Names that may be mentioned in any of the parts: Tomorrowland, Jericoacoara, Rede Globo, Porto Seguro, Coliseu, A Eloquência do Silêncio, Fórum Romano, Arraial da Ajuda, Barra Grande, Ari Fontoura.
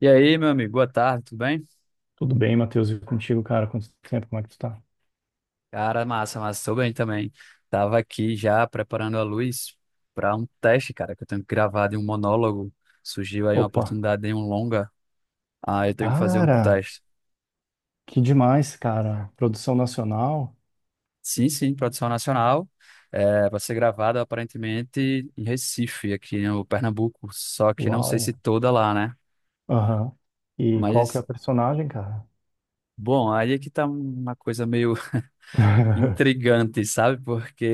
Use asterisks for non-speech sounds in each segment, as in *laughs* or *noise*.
E aí, meu amigo, boa tarde, tudo bem? Tudo bem, Matheus? E contigo, cara? Quanto tempo? Como é que tu tá? Cara, massa, massa, tô bem também. Tava aqui já preparando a luz para um teste, cara, que eu tenho que gravar de um monólogo. Surgiu aí uma Opa! oportunidade de um longa, aí eu tenho que fazer um Cara, teste. que demais, cara. Produção nacional? Sim, sim, produção nacional, é, vai ser gravado aparentemente em Recife, aqui no Pernambuco, só que não sei se Uau! toda lá, né? Aham. E qual que é a Mas, personagem, cara? bom, aí é que tá uma coisa meio *laughs* intrigante, sabe?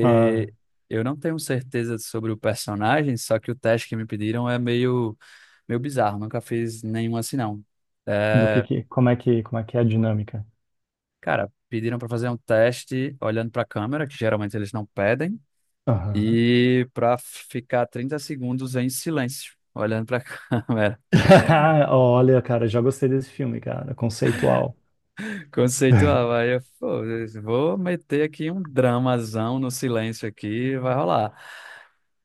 Ah, eu não tenho certeza sobre o personagem, só que o teste que me pediram é meio, meio bizarro. Nunca fiz nenhum assim, não. do É, que, como é que, como é que é a dinâmica? cara, pediram para fazer um teste olhando para a câmera, que geralmente eles não pedem, Aham. e para ficar 30 segundos em silêncio. Olhando para a *laughs* câmera, *laughs* Olha, cara, já gostei desse filme, cara. Conceitual. conceitual. *laughs* Aí eu, pô, vou meter aqui um dramazão no silêncio aqui, vai rolar.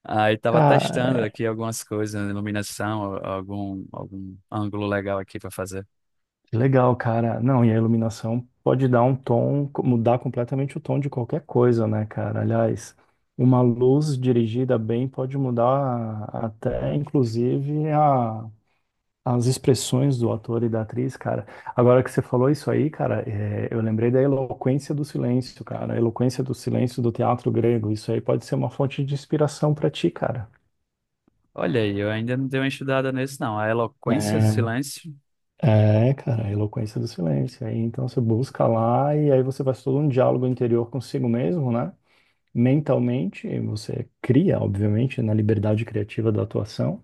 Aí tava testando Cara. aqui algumas coisas, né, iluminação, algum, algum ângulo legal aqui para fazer. Que legal, cara. Não, e a iluminação pode dar um tom, mudar completamente o tom de qualquer coisa, né, cara? Aliás, uma luz dirigida bem pode mudar até, inclusive, as expressões do ator e da atriz, cara. Agora que você falou isso aí, cara, é, eu lembrei da eloquência do silêncio, cara. A eloquência do silêncio do teatro grego. Isso aí pode ser uma fonte de inspiração pra ti, cara. Olha aí, eu ainda não dei uma estudada nesse, não. A Eloquência do É. Silêncio, É, cara, a eloquência do silêncio. Aí, então você busca lá e aí você faz todo um diálogo interior consigo mesmo, né? Mentalmente, e você cria, obviamente, na liberdade criativa da atuação,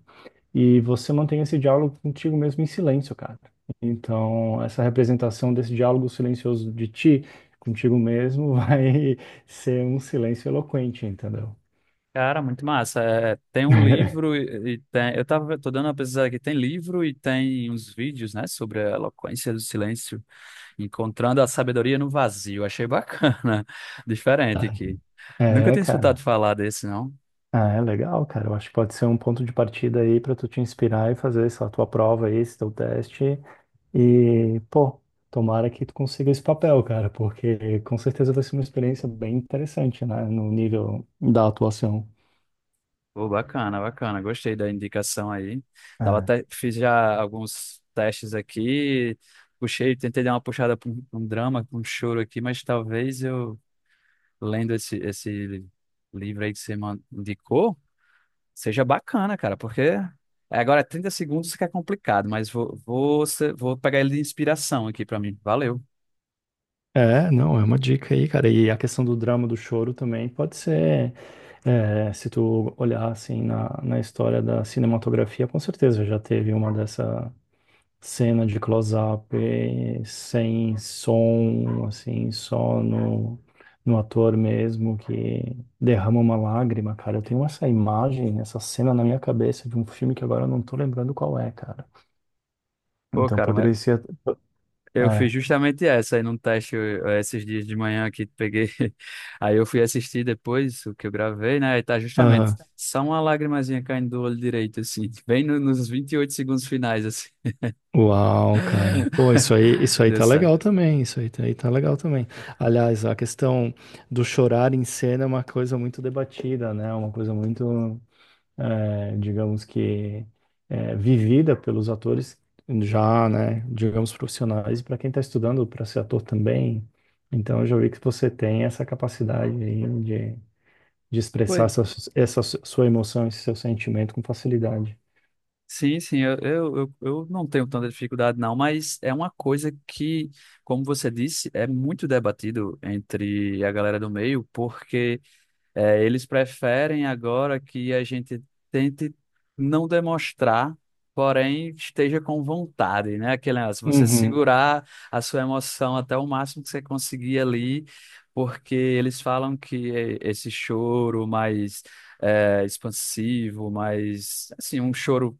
e você mantém esse diálogo contigo mesmo em silêncio, cara. Então, essa representação desse diálogo silencioso de ti contigo mesmo vai *laughs* ser um silêncio eloquente, entendeu? cara, muito massa. É, tem um livro *laughs* e tem. Tô dando uma pesquisada aqui, tem livro e tem uns vídeos, né, sobre a Eloquência do Silêncio, encontrando a sabedoria no vazio. Achei bacana, *laughs* diferente Tá. aqui. Nunca É, tinha escutado cara. falar desse, não. Ah, é legal, cara. Eu acho que pode ser um ponto de partida aí pra tu te inspirar e fazer essa tua prova aí, esse teu teste. E, pô, tomara que tu consiga esse papel, cara, porque com certeza vai ser uma experiência bem interessante, né, no nível da atuação. Pô, bacana, bacana. Gostei da indicação aí. Tava É. até, fiz já alguns testes aqui, puxei, tentei dar uma puxada para pra um drama, pra um choro aqui, mas talvez eu, lendo esse livro aí que você indicou, seja bacana, cara, porque agora é 30 segundos que é complicado, mas vou vou pegar ele de inspiração aqui para mim. Valeu. É, não, é uma dica aí, cara. E a questão do drama, do choro também pode ser, é, se tu olhar assim na história da cinematografia, com certeza já teve uma dessa cena de close-up, sem som, assim, só no, no ator mesmo que derrama uma lágrima, cara. Eu tenho essa imagem, essa cena na minha cabeça de um filme que agora eu não tô lembrando qual é, cara. Pô, Então cara, mas poderia ser. eu fiz É. justamente essa aí num teste esses dias de manhã aqui, peguei. *laughs* Aí eu fui assistir depois o que eu gravei, né? E tá justamente Aham. só uma lagrimazinha caindo do olho direito, assim, *laughs* bem no, nos 28 segundos finais, assim. Uau, cara. Pô, isso *laughs* aí Deu tá certo. legal também. Isso aí tá legal também. Aliás, a questão do chorar em cena é uma coisa muito debatida, né? Uma coisa muito. Digamos que vivida pelos atores já, né, digamos profissionais, e para quem está estudando para ser ator também. Então, eu já vi que você tem essa capacidade aí de expressar Pois. essa, sua emoção, esse seu sentimento com facilidade. Sim, sim, eu não tenho tanta dificuldade, não, mas é uma coisa que, como você disse, é muito debatido entre a galera do meio, porque. É, eles preferem agora que a gente tente não demonstrar, porém esteja com vontade, né? Aquele negócio, você Uhum. segurar a sua emoção até o máximo que você conseguir ali, porque eles falam que esse choro mais é, expansivo, mais, assim, um choro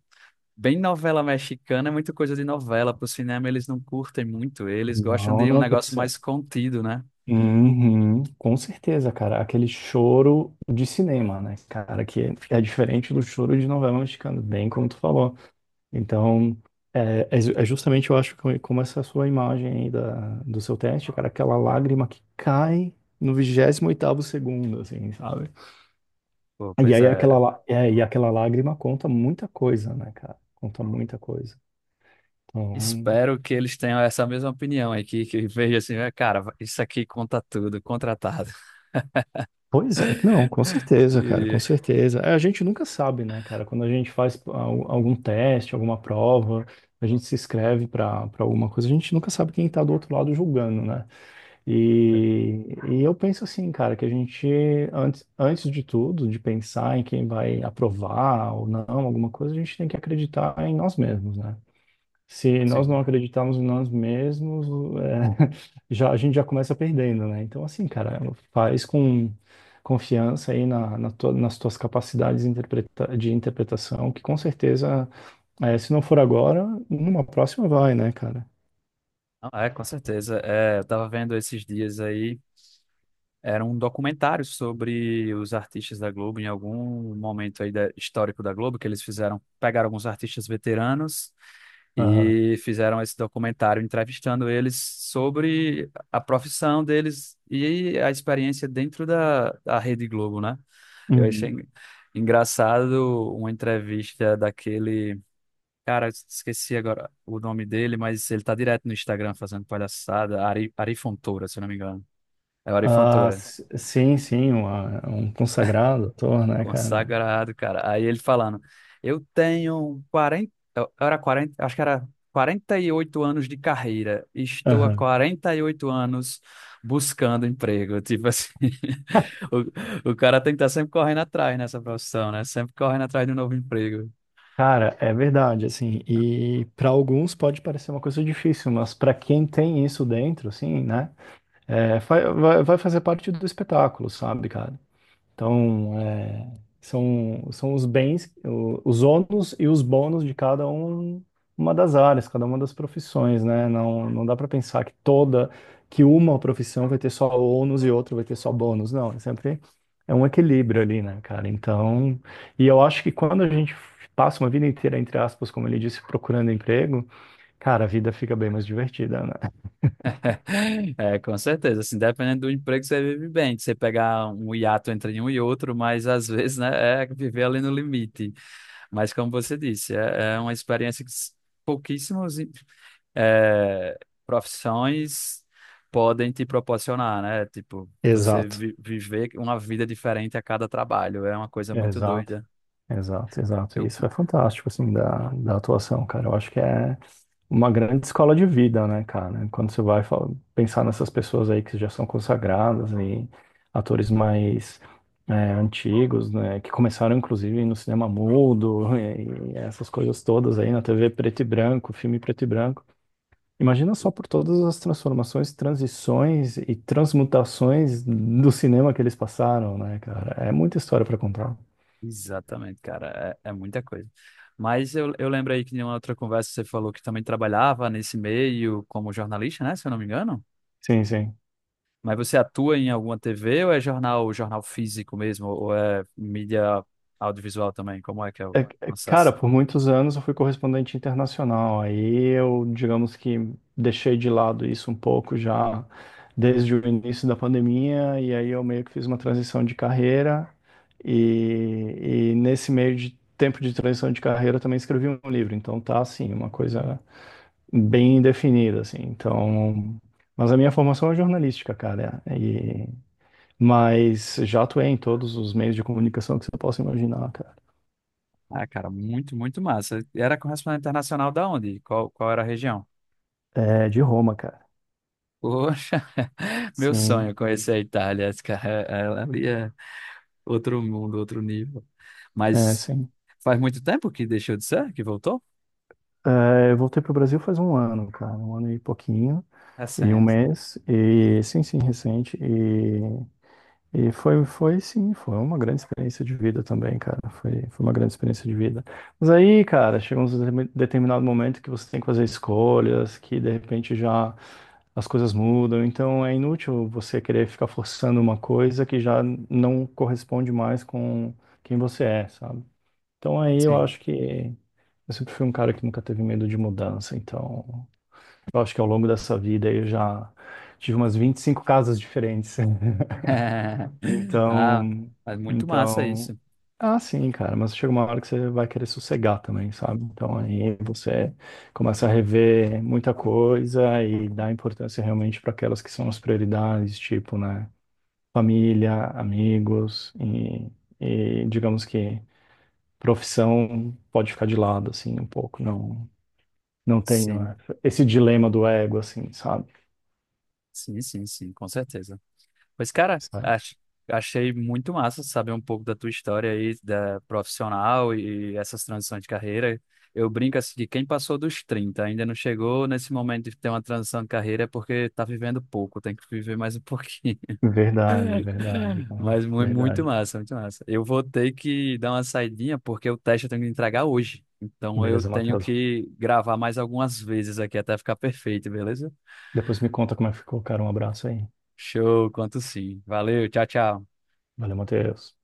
bem novela mexicana é muita coisa de novela. Para o cinema eles não curtem muito, eles gostam Não, de um não tem que negócio ser. mais contido, né? Uhum, com certeza, cara. Aquele choro de cinema, né, cara, que é diferente do choro de novela mexicana, bem como tu falou. Então, é, é é justamente, eu acho, que como essa sua imagem aí da, do seu teste, cara, aquela lágrima que cai no 28º segundo, assim, sabe? Pô, E pois aí aquela, é, e aquela lágrima conta muita coisa, né, cara? Conta muita coisa. Então, espero que eles tenham essa mesma opinião aqui, que veja assim, "É, cara, isso aqui conta tudo, contratado." pois é, não, com *laughs* certeza, cara, com Iria. certeza. É, a gente nunca sabe, né, cara? Quando a gente faz algum teste, alguma prova, a gente se inscreve pra alguma coisa, a gente nunca sabe quem tá do outro lado julgando, né? E eu penso assim, cara, que a gente, antes de tudo, de pensar em quem vai aprovar ou não alguma coisa, a gente tem que acreditar em nós mesmos, né? Se nós não Sim. acreditarmos em nós mesmos, é, *laughs* já, a gente já começa perdendo, né? Então, assim, cara, faz com confiança aí na, nas tuas de interpretação, que com certeza, é, se não for agora, numa próxima vai, né, cara? Ah, é, com certeza. É, eu tava vendo esses dias aí, era um documentário sobre os artistas da Globo, em algum momento aí histórico da Globo, que eles fizeram, pegaram alguns artistas veteranos Aham. e fizeram esse documentário entrevistando eles sobre a profissão deles e a experiência dentro da Rede Globo, né? Eu achei engraçado uma entrevista daquele. Cara, esqueci agora o nome dele, mas ele tá direto no Instagram fazendo palhaçada. Ari, Ari Fontoura, se eu não me engano. É o Ari Ah, Fontoura. Sim, sim, uma- um consagrado ator, né, cara? Né? Consagrado, cara. Aí ele falando: eu tenho 40, era 40, acho que era 48 anos de carreira. Estou há Aham. 48 anos buscando emprego. Tipo assim. *laughs* *laughs* O cara tem que estar sempre correndo atrás nessa profissão, né? Sempre correndo atrás de um novo emprego. Cara, é verdade, assim, e para alguns pode parecer uma coisa difícil, mas para quem tem isso dentro, assim, né, é, vai fazer parte do espetáculo, sabe, cara? Então, é, são, são os bens, os ônus e os bônus de cada um, uma das áreas, cada uma das profissões, né? Não, não dá para pensar que toda, que uma profissão vai ter só ônus e outra vai ter só bônus. Não, é sempre é um equilíbrio ali, né, cara? Então, e eu acho que quando a gente passa uma vida inteira, entre aspas, como ele disse, procurando emprego, cara, a vida fica bem mais divertida, né? *laughs* É, com certeza. Assim, dependendo do emprego, você vive bem. Você pegar um hiato entre um e outro, mas às vezes, né, é viver ali no limite. Mas como você disse, é uma experiência que pouquíssimos é, profissões podem te proporcionar, né? Tipo, você Exato. Viver uma vida diferente a cada trabalho. É uma coisa muito Exato. doida. Exato, exato. E Eu, isso é fantástico, assim, da, da atuação, cara. Eu acho que é uma grande escola de vida, né, cara? Quando você vai pensar nessas pessoas aí que já são consagradas e atores mais antigos, né, que começaram, inclusive, no cinema mudo *laughs* e essas coisas todas aí, na TV preto e branco, filme preto e branco. Imagina só por todas as transformações, transições e transmutações do cinema que eles passaram, né, cara? É muita história para contar. Exatamente, cara, é, é muita coisa. Mas eu lembro aí que em uma outra conversa você falou que também trabalhava nesse meio como jornalista, né? Se eu não me engano. Sim, sim. Mas você atua em alguma TV ou é jornal, jornal físico mesmo? Ou é mídia audiovisual também? Como é que é o É, Cara, processo? por muitos anos eu fui correspondente internacional. Aí eu, digamos que deixei de lado isso um pouco já desde o início da pandemia, e aí eu meio que fiz uma transição de carreira. E nesse meio de tempo de transição de carreira eu também escrevi um livro. Então tá assim, uma coisa bem definida, assim. Então, mas a minha formação é jornalística, cara. E, mas já atuei em todos os meios de comunicação que você possa imaginar, cara. Ah, cara, muito, muito massa. E era correspondente internacional da onde? Qual era a região? É, de Roma, cara. Poxa, *laughs* meu sonho Sim, é conhecer a Itália, cara. Ali é outro mundo, outro nível. Mas sim. faz muito tempo que deixou de ser, que voltou? É, eu voltei pro Brasil faz um ano, cara, um ano e pouquinho, e um Recente. mês, e sim, sim, recente, e, foi, sim, foi uma grande experiência de vida também, cara, foi uma grande experiência de vida. Mas aí, cara, chega um determinado momento que você tem que fazer escolhas, que de repente já as coisas mudam, então é inútil você querer ficar forçando uma coisa que já não corresponde mais com quem você é, sabe? Então aí eu Sim. acho que eu sempre fui um cara que nunca teve medo de mudança, então eu acho que ao longo dessa vida eu já tive umas 25 casas diferentes. *laughs* *laughs* Ah, Então, mas muito massa então, isso. ah, sim, cara, mas chega uma hora que você vai querer sossegar também, sabe? Então aí você começa a rever muita coisa e dá importância realmente para aquelas que são as prioridades, tipo, né, família, amigos e digamos que profissão pode ficar de lado, assim, um pouco. Não, não tenho Sim, essa- esse dilema do ego, assim, sabe? sim, com certeza. Pois, cara, Sabe? Achei muito massa saber um pouco da tua história aí, da profissional e essas transições de carreira. Eu brinco assim que quem passou dos 30 ainda não chegou nesse momento de ter uma transição de carreira é porque tá vivendo pouco, tem que viver mais um *laughs* pouquinho. Verdade, verdade, cara. Mas muito Verdade. massa, muito massa. Eu vou ter que dar uma saidinha porque o teste eu tenho que entregar hoje. Então eu Beleza, tenho Matheus. que gravar mais algumas vezes aqui até ficar perfeito, beleza? Depois me conta como é que ficou, cara. Um abraço aí. Show, quanto sim. Valeu, tchau, tchau. Valeu, Matheus.